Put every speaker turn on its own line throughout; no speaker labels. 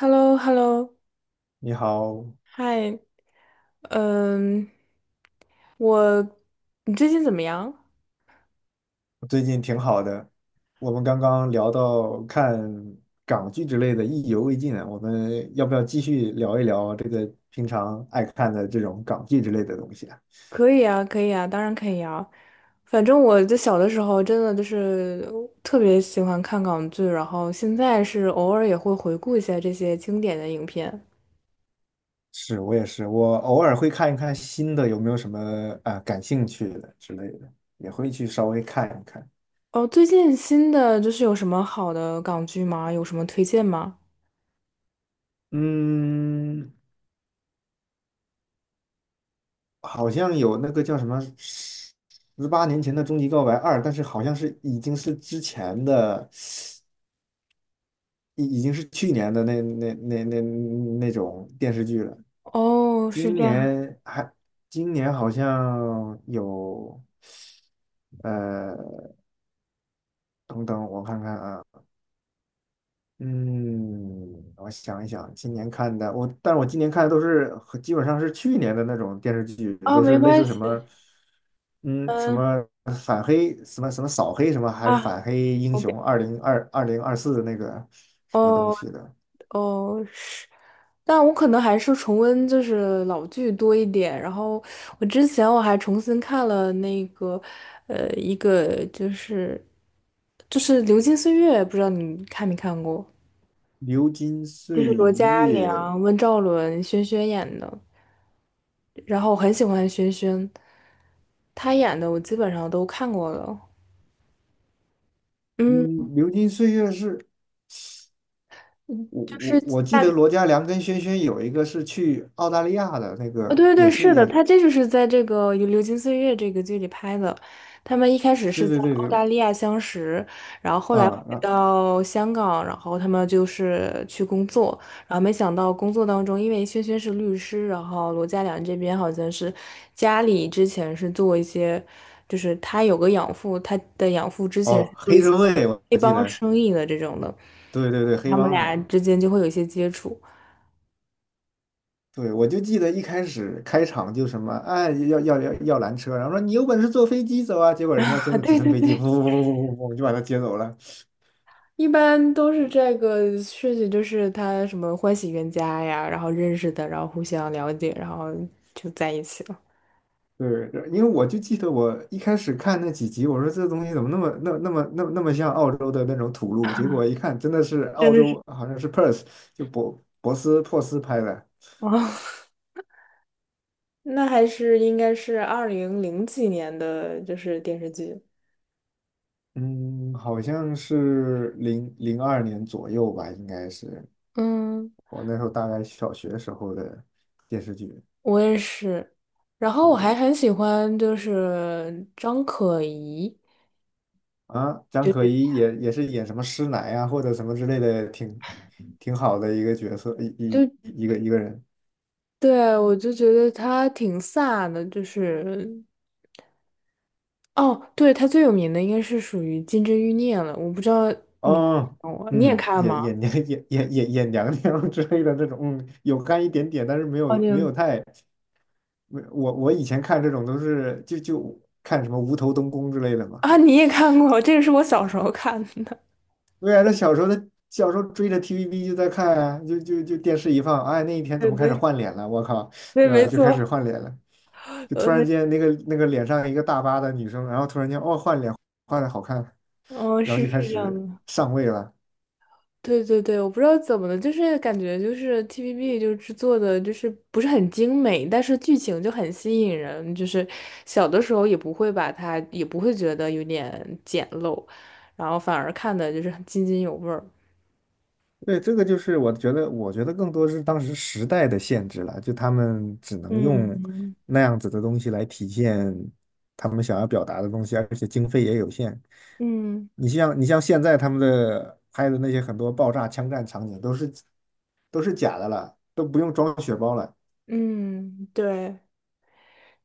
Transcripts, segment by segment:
h e l l o h e l l o
你好，
嗨。嗯，我，你最近怎么样？
我最近挺好的。我们刚刚聊到看港剧之类的，意犹未尽啊。我们要不要继续聊一聊这个平常爱看的这种港剧之类的东西啊？
可以啊，可以啊，当然可以啊。反正我在小的时候真的就是特别喜欢看港剧，然后现在是偶尔也会回顾一下这些经典的影片。
是，我也是，我偶尔会看一看新的，有没有什么啊、感兴趣的之类的，也会去稍微看一看。
哦，最近新的就是有什么好的港剧吗？有什么推荐吗？
嗯，好像有那个叫什么《十八年前的终极告白二》，但是好像是已经是之前的。已经是去年的那种电视剧了。
哦，是
今
这样。
年还，今年好像有，呃，等等，我看看啊，嗯，我想一想，今年看的我，但是我今年看的都是和基本上是去年的那种电视剧，
啊，
都
没
是类
关
似什
系。
么，嗯，什
嗯
么反黑，什么扫黑，什么还是
啊
反黑英
，OK。
雄二零二四的那个什么东
哦。
西的。
哦，是，但我可能还是重温就是老剧多一点。然后我之前我还重新看了那个，一个就是《流金岁月》，不知道你看没看过？
流金
就是
岁
罗嘉
月。
良、温兆伦、轩轩演的。然后我很喜欢轩轩，他演的我基本上都看过了。嗯，
嗯，流金岁月是我
就
我
是
我记
大
得罗嘉良跟轩轩有一个是去澳大利亚的那
啊，对
个，
对
也
对，
是
是的，
也，
他这就是在这个《流金岁月》这个剧里拍的。他们一开始是
对
在
对对
澳
对，
大利亚相识，然后后来
啊、
回到香港，然后他们就是去工作，然后没想到工作当中，因为轩轩是律师，然后罗嘉良这边好像是家里之前是做一些，就是他有个养父，他的养父之前
哦，
是做一
黑
些
社会我
黑
我记
帮
得。
生意的这种的，
对对对，黑
他们
帮
俩
的。
之间就会有一些接触。
对，我就记得一开始开场就什么，哎，要拦车，然后说你有本事坐飞机走啊，结果人家真
啊，
的直
对
升
对
飞机
对。
噗噗噗噗噗噗就把他接走了。
一般都是这个事情，就是他什么欢喜冤家呀，然后认识的，然后互相了解，然后就在一起了。
对，因为我就记得我一开始看那几集，我说这东西怎么那么像澳洲的那种土路，结果一看真的是
真
澳
的是
洲，好像是 Perth，就博博斯珀斯拍的。
哦，那还是应该是二零零几年的，就是电视剧。
嗯，好像是2002年左右吧，应该是
嗯，
我那时候大概小学时候的电视剧。
我也是。然后我还
对
很喜欢，就是张可颐，
啊，张
就
可颐也是演什么师奶啊，或者什么之类的，挺好的一个角色，一个人。
对，我就觉得她挺飒的，就是。哦，对，他最有名的应该是属于《金枝欲孽》了，我不知道你
哦，
看过你也
嗯，
看
眼
吗？
眼娘眼眼眼眼娘娘 之类的这种，有干一点点，但是没
哦，
有
你
没
有
有太，没我以前看这种都是就看什么无头东宫之类的 嘛。
啊，你也看过，这个是我小时候看的。
对啊，那小时候追着 TVB 就在看啊，就电视一放，哎，那一天怎
对
么开始
对
换脸了？我靠，
对，
对吧？
没
就开始
错，
换脸了，就突然
没
间那个脸上一个大疤的女生，然后突然间，哦，换脸换的好看，
嗯，
然后
是
就开
是这样
始
的。
上位了。
对对对，我不知道怎么的，就是感觉就是 TVB 就制作的，就是不是很精美，但是剧情就很吸引人，就是小的时候也不会把它，也不会觉得有点简陋，然后反而看的就是很津津有味儿。
对，这个就是我觉得，更多是当时时代的限制了，就他们只能用
嗯
那样子的东西来体现他们想要表达的东西，而且经费也有限。
嗯。
你像现在他们的拍的那些很多爆炸、枪战场景都是假的了，都不用装血包了。
嗯，对，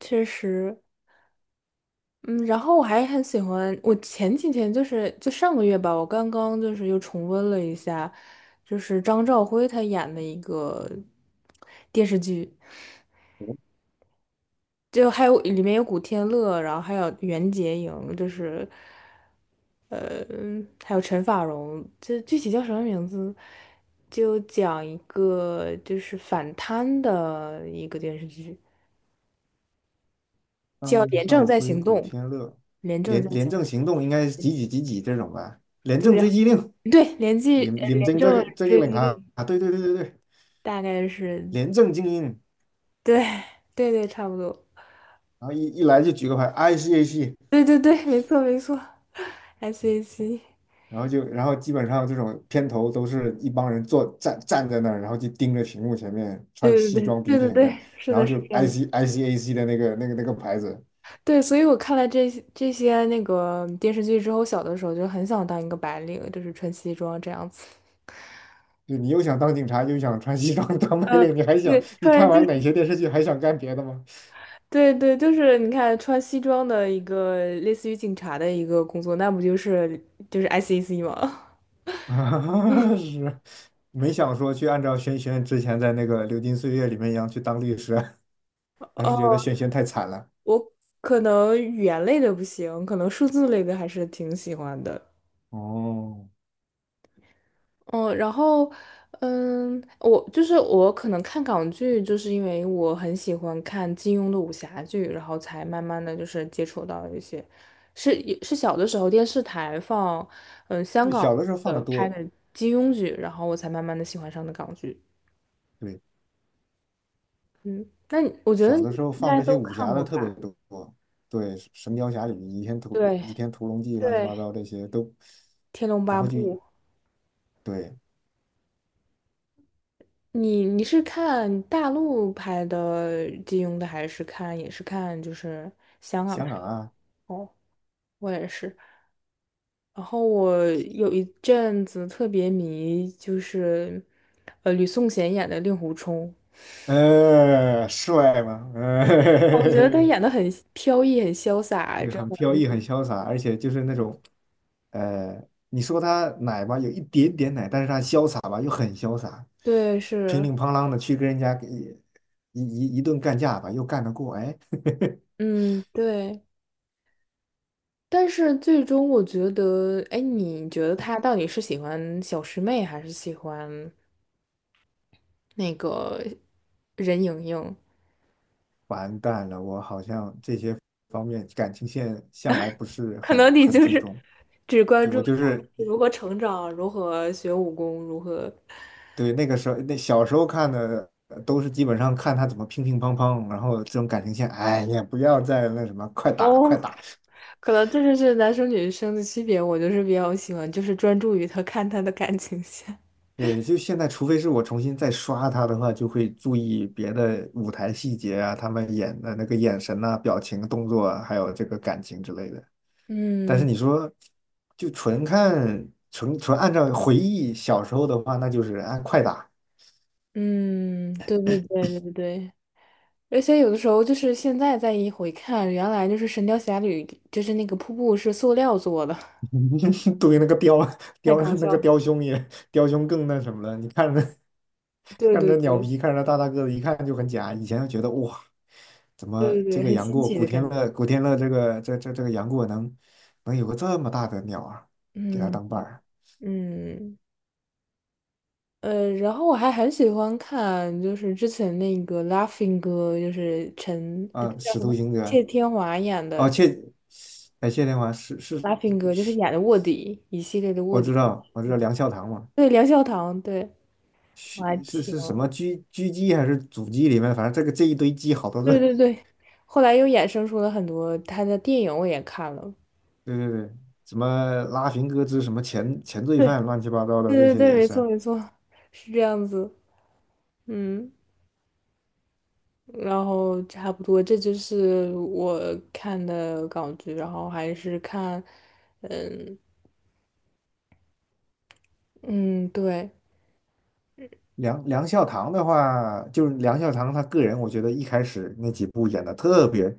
确实。嗯，然后我还很喜欢，我前几天就是就上个月吧，我刚刚就是又重温了一下，就是张兆辉他演的一个电视剧，就还有里面有古天乐，然后还有袁洁莹，就是呃，还有陈法蓉，这具体叫什么名字？就讲一个就是反贪的一个电视剧，叫
张
《廉政
少
在
辉、
行动》，
古天乐，
《廉政
廉
在
廉
行》。
政行动应该是几几几几这种吧？廉政
对
追缉令，
对，连记
廉廉
廉
政这
政
个这个
追
令
击
啊
令
啊，对对对对对，
大概是
廉政精英。
对对对，差不多，
然后一来就举个牌，ICAC，
对对对，没错没错，SAC，
然后就然后基本上这种片头都是一帮人坐站站在那儿，然后就盯着屏幕前面，穿
对对
西
对
装笔
对对
挺的，
对，是
然后
的，是
就
这样子。
IC ICAC 的那个牌子，
对，所以我看了这些那个电视剧之后，小的时候就很想当一个白领，就是穿西装这样子。
就你又想当警察，又想穿西装 当白
呃，
领，你还想
对，
你看
穿就
完哪
是
些电视剧还想干别的吗？
对对，就是你看穿西装的一个类似于警察的一个工作，那不就是 SEC 吗？
啊，是，没想说去按照轩轩之前在那个《流金岁月》里面一样去当律师，还是觉 得轩轩太惨了。
我可能语言类的不行，可能数字类的还是挺喜欢的。
哦，
嗯，然后，嗯，我就是我可能看港剧，就是因为我很喜欢看金庸的武侠剧，然后才慢慢的就是接触到一些，是也是小的时候电视台放，嗯，香港
小的时候放
的
的
拍
多，
的金庸剧，然后我才慢慢的喜欢上的港剧。
对。
嗯，那你我觉得
小的
你
时候
应
放
该
这些
都
武
看
侠的
过
特别
吧？
多，对，《神雕侠侣》、
对
倚天屠龙记》乱七
对，
八糟这些都，
《天龙
然
八
后就，
部》
对，
你是看大陆拍的金庸的，还是看也是看就是香港
香
拍
港
的？
啊，
哦，我也是。然后我有一阵子特别迷，就是吕颂贤演的令狐冲，
帅嘛，
哦我觉得他演的很飘逸，很潇 洒，
也
真
很飘
的。
逸，很潇洒，而且就是那种，呃，你说他奶吧，有一点点奶，但是他潇洒吧，又很潇洒，
对，
乒
是，
铃乓啷的去跟人家一顿干架吧，又干得过，哎，
嗯，对。但是最终我觉得，哎，你觉得他到底是喜欢小师妹，还是喜欢那个任盈盈？
完蛋了，我好像这些方面感情线向来不是
可
很
能你
很
就
注
是
重。
只关
对，
注
我就是
他如何成长、如何学武功、如何
对那个时候，那小时候看的都是基本上看他怎么乒乒乓乓，然后这种感情线，哎呀，不要再那什么，快打
哦，
快打。
可能这就是男生女生的区别。我就是比较喜欢，就是专注于他看他的感情线。
对，就现在，除非是我重新再刷他的话，就会注意别的舞台细节啊，他们演的那个眼神呐、表情、动作啊还有这个感情之类的。但是
嗯
你说，就纯看纯纯按照回忆小时候的话，那就是按快打。
嗯，对对对对对而且有的时候就是现在再一回看，原来就是《神雕侠侣》，就是那个瀑布是塑料做的，
对，那个雕
太搞笑了。
雕兄也雕兄更那什么了。你看，
对
看
对
着鸟
对
皮，看着大大个子，一看就很假。以前就觉得哇，怎
对
么
对
这
对，
个
很
杨
新
过
奇
古
的
天
感觉。
乐古天乐这个杨过能有个这么大的鸟啊，给他
嗯
当伴儿
嗯。然后我还很喜欢看，就是之前那个《Laughing 哥》，就是陈，
啊？
这叫
使
什
徒
么？
行者。
谢天华演
哦，
的
哎，谢天华是是
《Laughing 哥》，就是
是，
演的卧底一系列的卧
我
底。
知道我知道梁孝堂嘛。
对，梁孝堂，对，我
是
还
是
挺，
是什么狙击还是阻击里面，反正这个这一堆鸡好多
对
个，
对对。后来又衍生出了很多他的电影，我也看了。
对对对，什么拉平哥之什么前罪
对，
犯乱七八糟
对
的这
对
些
对，
也
没
是。
错没错，是这样子。嗯，然后差不多，这就是我看的港剧，然后还是看，嗯。嗯，对，
梁孝堂的话，就是梁孝堂他个人，我觉得一开始那几部演的特别，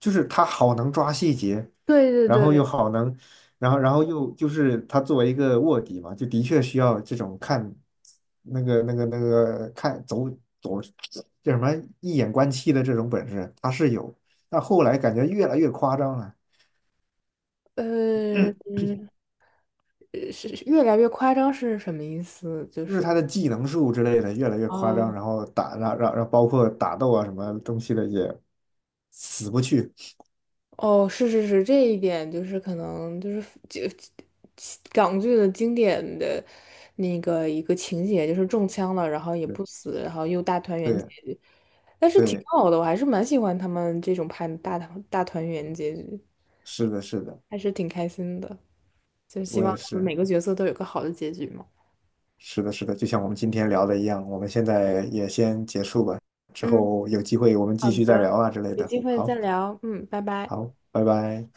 就是他好能抓细节，
对
然
对
后又
对，
好能，然后又就是他作为一个卧底嘛，就的确需要这种看那个那个那个看走走。叫什么一眼观七的这种本事，他是有，但后来感觉越来越夸张了，
嗯，是越来越夸张是什么意思？就
就是
是
他的技能树之类的越来越
啊，
夸张，然后打让让让包括打斗啊什么东西的也死不去。
哦，是是是，这一点就是可能就是港剧的经典的那个一个情节，就是中枪了，然后也
对
不死，然后又大团圆结
对
局，但是挺
对，
好的，我还是蛮喜欢他们这种拍的大团圆结局，
是的，是的，
还是挺开心的，就希
我
望
也
他们
是，
每个角色都有个好的结局嘛。
是的，是的，就像我们今天聊的一样，我们现在也先结束吧，之
嗯。
后有机会我们
好
继续再
的，
聊啊之类
有
的。
机会再
好，
聊，嗯，拜拜。
好，拜拜。